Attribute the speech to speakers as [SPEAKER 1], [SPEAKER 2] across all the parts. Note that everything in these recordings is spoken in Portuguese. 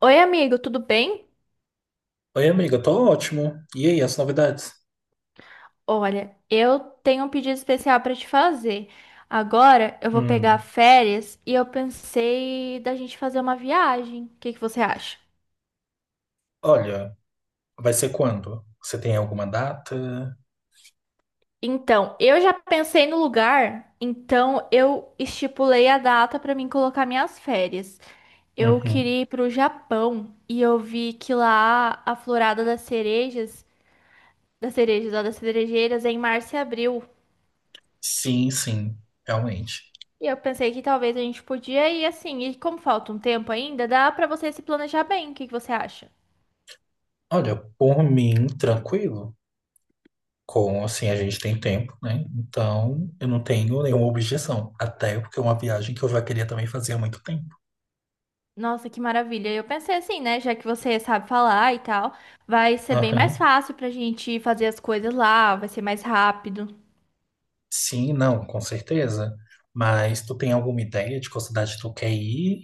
[SPEAKER 1] Oi, amigo, tudo bem?
[SPEAKER 2] Oi, amiga, tô ótimo. E aí, as novidades?
[SPEAKER 1] Olha, eu tenho um pedido especial para te fazer. Agora eu vou pegar
[SPEAKER 2] Hum,
[SPEAKER 1] férias e eu pensei da gente fazer uma viagem. O que que você acha?
[SPEAKER 2] olha, vai ser quando? Você tem alguma data?
[SPEAKER 1] Então, eu já pensei no lugar, então eu estipulei a data para mim colocar minhas férias. Eu
[SPEAKER 2] Uhum.
[SPEAKER 1] queria ir para o Japão e eu vi que lá a florada das cerejeiras é em março e abril.
[SPEAKER 2] Sim, sim, realmente.
[SPEAKER 1] E eu pensei que talvez a gente podia ir assim, e como falta um tempo ainda, dá pra você se planejar bem. O que que você acha?
[SPEAKER 2] Olha, por mim, tranquilo. Como assim a gente tem tempo, né? Então, eu não tenho nenhuma objeção. Até porque é uma viagem que eu já queria também fazer há muito tempo.
[SPEAKER 1] Nossa, que maravilha. Eu pensei assim, né, já que você sabe falar e tal, vai ser bem mais
[SPEAKER 2] Aham.
[SPEAKER 1] fácil pra gente fazer as coisas lá, vai ser mais rápido.
[SPEAKER 2] Sim, não, com certeza. Mas tu tem alguma ideia de qual cidade tu quer ir?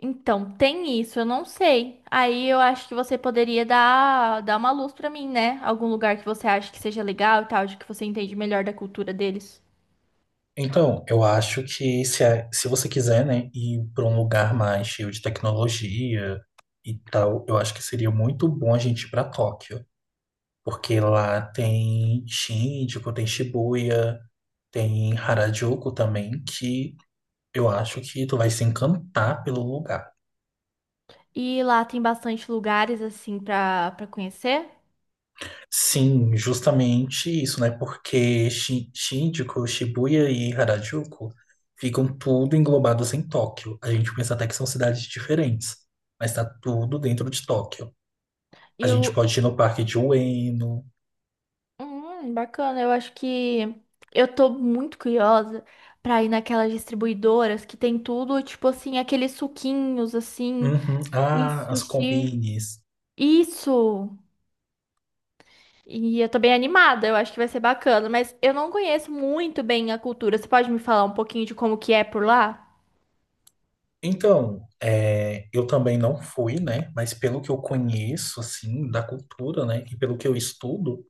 [SPEAKER 1] Então, tem isso, eu não sei. Aí eu acho que você poderia dar uma luz pra mim, né? Algum lugar que você acha que seja legal e tal, de que você entende melhor da cultura deles.
[SPEAKER 2] Então, eu acho que se você quiser, né, ir para um lugar mais cheio de tecnologia e tal, eu acho que seria muito bom a gente ir para Tóquio, porque lá tem Shinjuku, tem Shibuya, tem Harajuku também, que eu acho que tu vai se encantar pelo lugar.
[SPEAKER 1] E lá tem bastante lugares assim pra para conhecer.
[SPEAKER 2] Sim, justamente isso, né? Porque Shinjuku, Shibuya e Harajuku ficam tudo englobados em Tóquio. A gente pensa até que são cidades diferentes, mas tá tudo dentro de Tóquio. A gente
[SPEAKER 1] Eu.
[SPEAKER 2] pode ir no parque de Ueno.
[SPEAKER 1] Bacana. Eu acho que eu tô muito curiosa pra ir naquelas distribuidoras que tem tudo, tipo assim, aqueles suquinhos assim,
[SPEAKER 2] Uhum.
[SPEAKER 1] e
[SPEAKER 2] Ah, as
[SPEAKER 1] sushi.
[SPEAKER 2] combines.
[SPEAKER 1] Isso! E eu tô bem animada, eu acho que vai ser bacana, mas eu não conheço muito bem a cultura. Você pode me falar um pouquinho de como que é por lá?
[SPEAKER 2] Então, é, eu também não fui, né? Mas pelo que eu conheço, assim, da cultura, né? E pelo que eu estudo,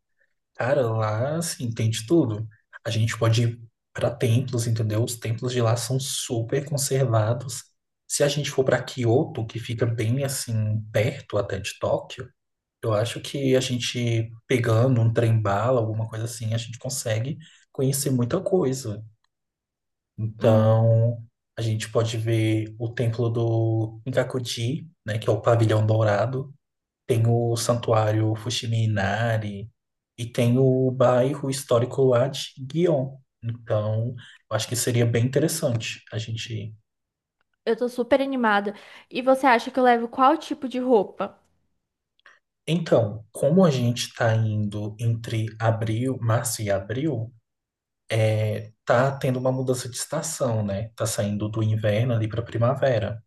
[SPEAKER 2] cara, lá, assim, tem de tudo. A gente pode ir para templos, entendeu? Os templos de lá são super conservados. Se a gente for para Kyoto, que fica bem, assim, perto até de Tóquio, eu acho que a gente pegando um trem-bala, alguma coisa assim, a gente consegue conhecer muita coisa.
[SPEAKER 1] Hum,
[SPEAKER 2] Então, a gente pode ver o templo do Kinkakuji, né, que é o pavilhão dourado. Tem o Santuário Fushimi Inari e tem o bairro histórico lá de Gion. Então, eu acho que seria bem interessante a gente ir.
[SPEAKER 1] eu tô super animada. E você acha que eu levo qual tipo de roupa?
[SPEAKER 2] Então, como a gente está indo entre abril, março e abril, tá tendo uma mudança de estação, né? Tá saindo do inverno ali para primavera.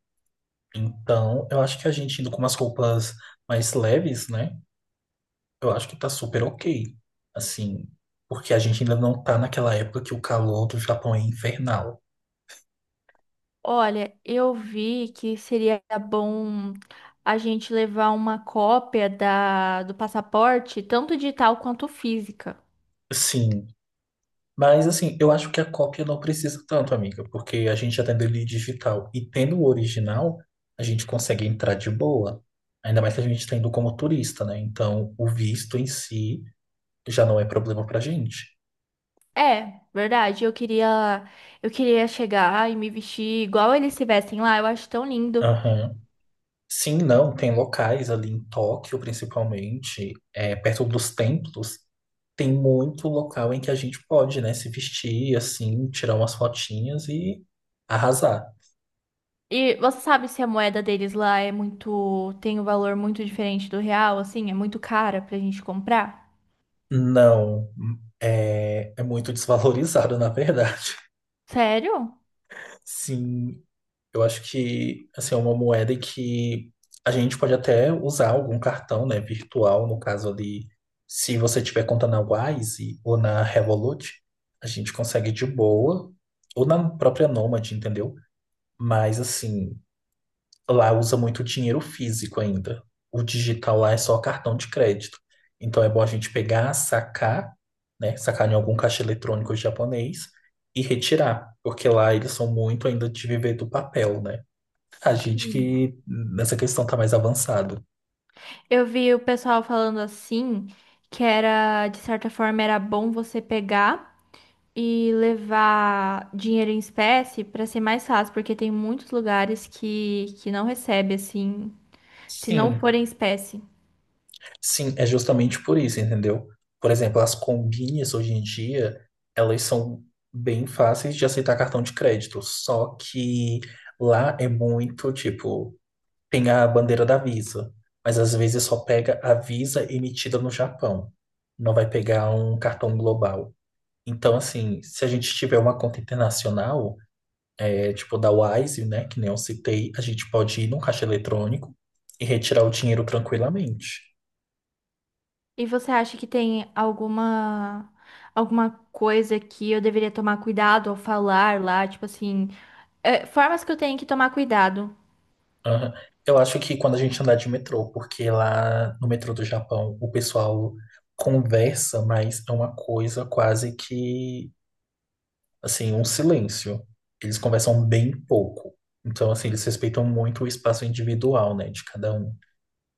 [SPEAKER 2] Então, eu acho que a gente indo com umas roupas mais leves, né? Eu acho que tá super ok. Assim, porque a gente ainda não tá naquela época que o calor do Japão é infernal.
[SPEAKER 1] Olha, eu vi que seria bom a gente levar uma cópia do passaporte, tanto digital quanto física.
[SPEAKER 2] Sim, mas assim, eu acho que a cópia não precisa tanto, amiga, porque a gente já tendo ele digital e tendo o original, a gente consegue entrar de boa. Ainda mais que a gente está indo como turista, né? Então, o visto em si já não é problema pra gente.
[SPEAKER 1] É, verdade. Eu queria chegar e me vestir igual eles se vestem lá. Eu acho tão lindo.
[SPEAKER 2] Aham. Sim, não, tem locais ali em Tóquio, principalmente, é, perto dos templos, tem muito local em que a gente pode, né, se vestir assim, tirar umas fotinhas e arrasar.
[SPEAKER 1] E você sabe se a moeda deles lá é muito, tem um valor muito diferente do real, assim, é muito cara pra gente comprar?
[SPEAKER 2] Não, é, é muito desvalorizado, na verdade.
[SPEAKER 1] Sério?
[SPEAKER 2] Sim, eu acho que assim, é uma moeda que a gente pode até usar algum cartão, né, virtual, no caso ali, se você tiver conta na Wise ou na Revolut, a gente consegue de boa, ou na própria Nomad, entendeu? Mas assim, lá usa muito dinheiro físico ainda. O digital lá é só cartão de crédito. Então é bom a gente pegar, sacar, né? Sacar em algum caixa eletrônico japonês e retirar, porque lá eles são muito ainda de viver do papel, né? A gente
[SPEAKER 1] Sim.
[SPEAKER 2] que nessa questão tá mais avançado.
[SPEAKER 1] Eu vi o pessoal falando assim, que era, de certa forma, era bom você pegar e levar dinheiro em espécie para ser mais fácil, porque tem muitos lugares que não recebe assim, se não for
[SPEAKER 2] Sim,
[SPEAKER 1] em espécie.
[SPEAKER 2] sim, é justamente por isso, entendeu? Por exemplo, as combinhas hoje em dia, elas são bem fáceis de aceitar cartão de crédito, só que lá é muito tipo tem a bandeira da Visa, mas às vezes só pega a Visa emitida no Japão. Não vai pegar um cartão global. Então, assim, se a gente tiver uma conta internacional, é tipo da Wise, né, que nem eu citei, a gente pode ir num caixa eletrônico e retirar o dinheiro tranquilamente.
[SPEAKER 1] E você acha que tem alguma coisa que eu deveria tomar cuidado ao falar lá, tipo assim, é, formas que eu tenho que tomar cuidado?
[SPEAKER 2] Aham. Eu acho que quando a gente andar de metrô, porque lá no metrô do Japão o pessoal conversa, mas é uma coisa quase que assim, um silêncio. Eles conversam bem pouco. Então, assim, eles respeitam muito o espaço individual, né, de cada um.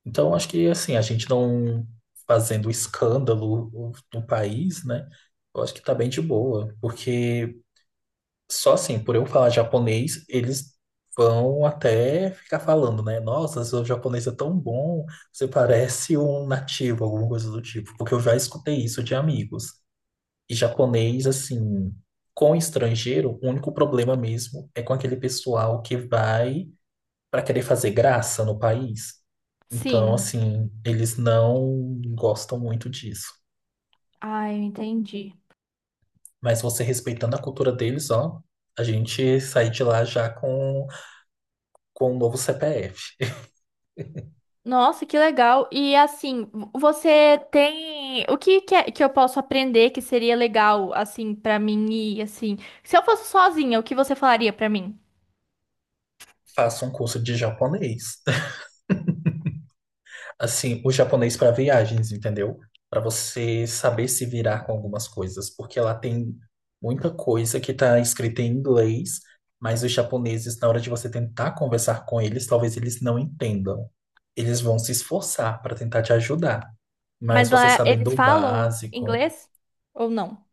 [SPEAKER 2] Então, acho que, assim, a gente não fazendo escândalo no país, né, eu acho que tá bem de boa. Porque só assim, por eu falar japonês, eles vão até ficar falando, né, nossa, seu japonês é tão bom, você parece um nativo, alguma coisa do tipo. Porque eu já escutei isso de amigos japonês, assim, com estrangeiro, o único problema mesmo é com aquele pessoal que vai para querer fazer graça no país. Então,
[SPEAKER 1] Sim.
[SPEAKER 2] assim, eles não gostam muito disso.
[SPEAKER 1] Ah, eu entendi.
[SPEAKER 2] Mas você respeitando a cultura deles, ó, a gente sai de lá já com, um novo CPF.
[SPEAKER 1] Nossa, que legal. E assim, você tem o que que, que eu posso aprender que seria legal assim pra mim ir assim? Se eu fosse sozinha, o que você falaria pra mim?
[SPEAKER 2] Faça um curso de japonês. Assim, o japonês para viagens, entendeu? Para você saber se virar com algumas coisas, porque lá tem muita coisa que está escrita em inglês, mas os japoneses, na hora de você tentar conversar com eles, talvez eles não entendam. Eles vão se esforçar para tentar te ajudar, mas
[SPEAKER 1] Mas
[SPEAKER 2] você
[SPEAKER 1] lá
[SPEAKER 2] sabendo
[SPEAKER 1] eles
[SPEAKER 2] o
[SPEAKER 1] falam
[SPEAKER 2] básico.
[SPEAKER 1] inglês ou não?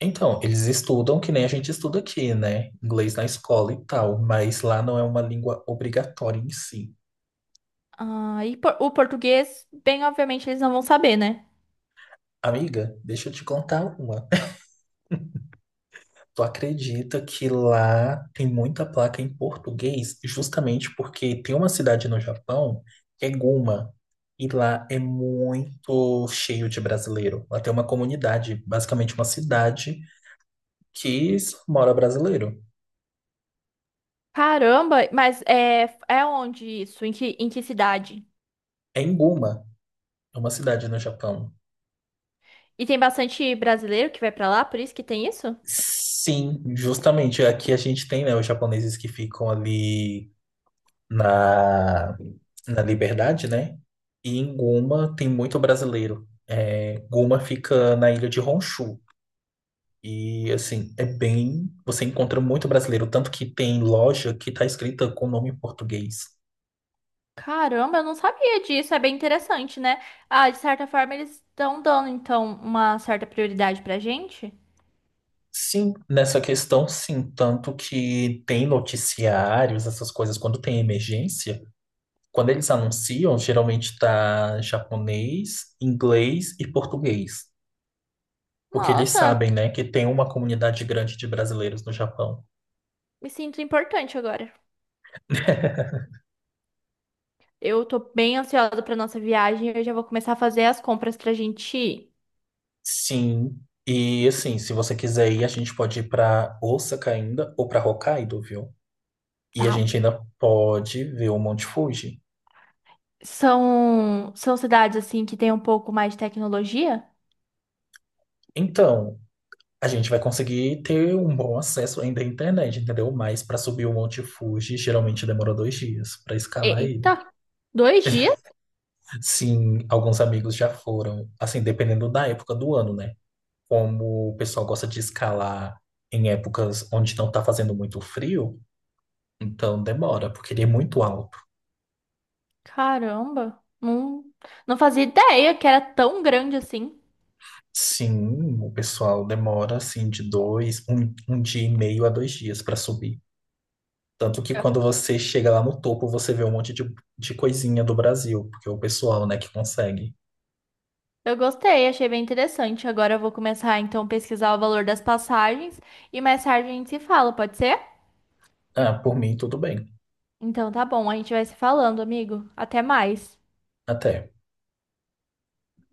[SPEAKER 2] Então, eles estudam que nem a gente estuda aqui, né? Inglês na escola e tal, mas lá não é uma língua obrigatória em si.
[SPEAKER 1] Ah, e o português, bem obviamente eles não vão saber, né?
[SPEAKER 2] Amiga, deixa eu te contar uma. Tu acredita que lá tem muita placa em português, justamente porque tem uma cidade no Japão que é Guma, e lá é muito cheio de brasileiro. Lá tem uma comunidade, basicamente uma cidade que só mora brasileiro.
[SPEAKER 1] Caramba, mas é onde isso? Em que cidade?
[SPEAKER 2] É em Guma, é uma cidade no Japão.
[SPEAKER 1] E tem bastante brasileiro que vai pra lá, por isso que tem isso?
[SPEAKER 2] Sim, justamente aqui a gente tem, né, os japoneses que ficam ali na na Liberdade, né? E em Guma tem muito brasileiro. É, Guma fica na ilha de Honshu. E assim, é bem. Você encontra muito brasileiro, tanto que tem loja que tá escrita com nome em português.
[SPEAKER 1] Caramba, eu não sabia disso, é bem interessante, né? Ah, de certa forma eles estão dando então uma certa prioridade pra gente.
[SPEAKER 2] Sim, nessa questão, sim. Tanto que tem noticiários, essas coisas, quando tem emergência, quando eles anunciam, geralmente tá japonês, inglês e português. Porque eles
[SPEAKER 1] Nossa,
[SPEAKER 2] sabem, né, que tem uma comunidade grande de brasileiros no Japão.
[SPEAKER 1] me sinto importante agora. Eu tô bem ansiosa pra nossa viagem, eu já vou começar a fazer as compras pra gente ir.
[SPEAKER 2] Sim. E assim, se você quiser ir, a gente pode ir pra Osaka ainda ou pra Hokkaido, viu? E a
[SPEAKER 1] Tá.
[SPEAKER 2] gente ainda pode ver o Monte Fuji.
[SPEAKER 1] São cidades assim que tem um pouco mais de tecnologia?
[SPEAKER 2] Então, a gente vai conseguir ter um bom acesso ainda à internet, entendeu? Mas para subir o Monte Fuji, geralmente demora 2 dias para escalar ele.
[SPEAKER 1] Eita, 2 dias?
[SPEAKER 2] Sim, alguns amigos já foram, assim, dependendo da época do ano, né? Como o pessoal gosta de escalar em épocas onde não tá fazendo muito frio, então demora, porque ele é muito alto.
[SPEAKER 1] Caramba, não, não fazia ideia que era tão grande assim.
[SPEAKER 2] Sim, o pessoal demora assim de dois, um dia e meio a 2 dias para subir. Tanto que quando você chega lá no topo, você vê um monte de, coisinha do Brasil, porque é o pessoal, né, que consegue.
[SPEAKER 1] Eu gostei, achei bem interessante. Agora eu vou começar então a pesquisar o valor das passagens e mais tarde a gente se fala, pode ser?
[SPEAKER 2] Ah, por mim, tudo bem.
[SPEAKER 1] Então tá bom, a gente vai se falando, amigo. Até mais.
[SPEAKER 2] Até.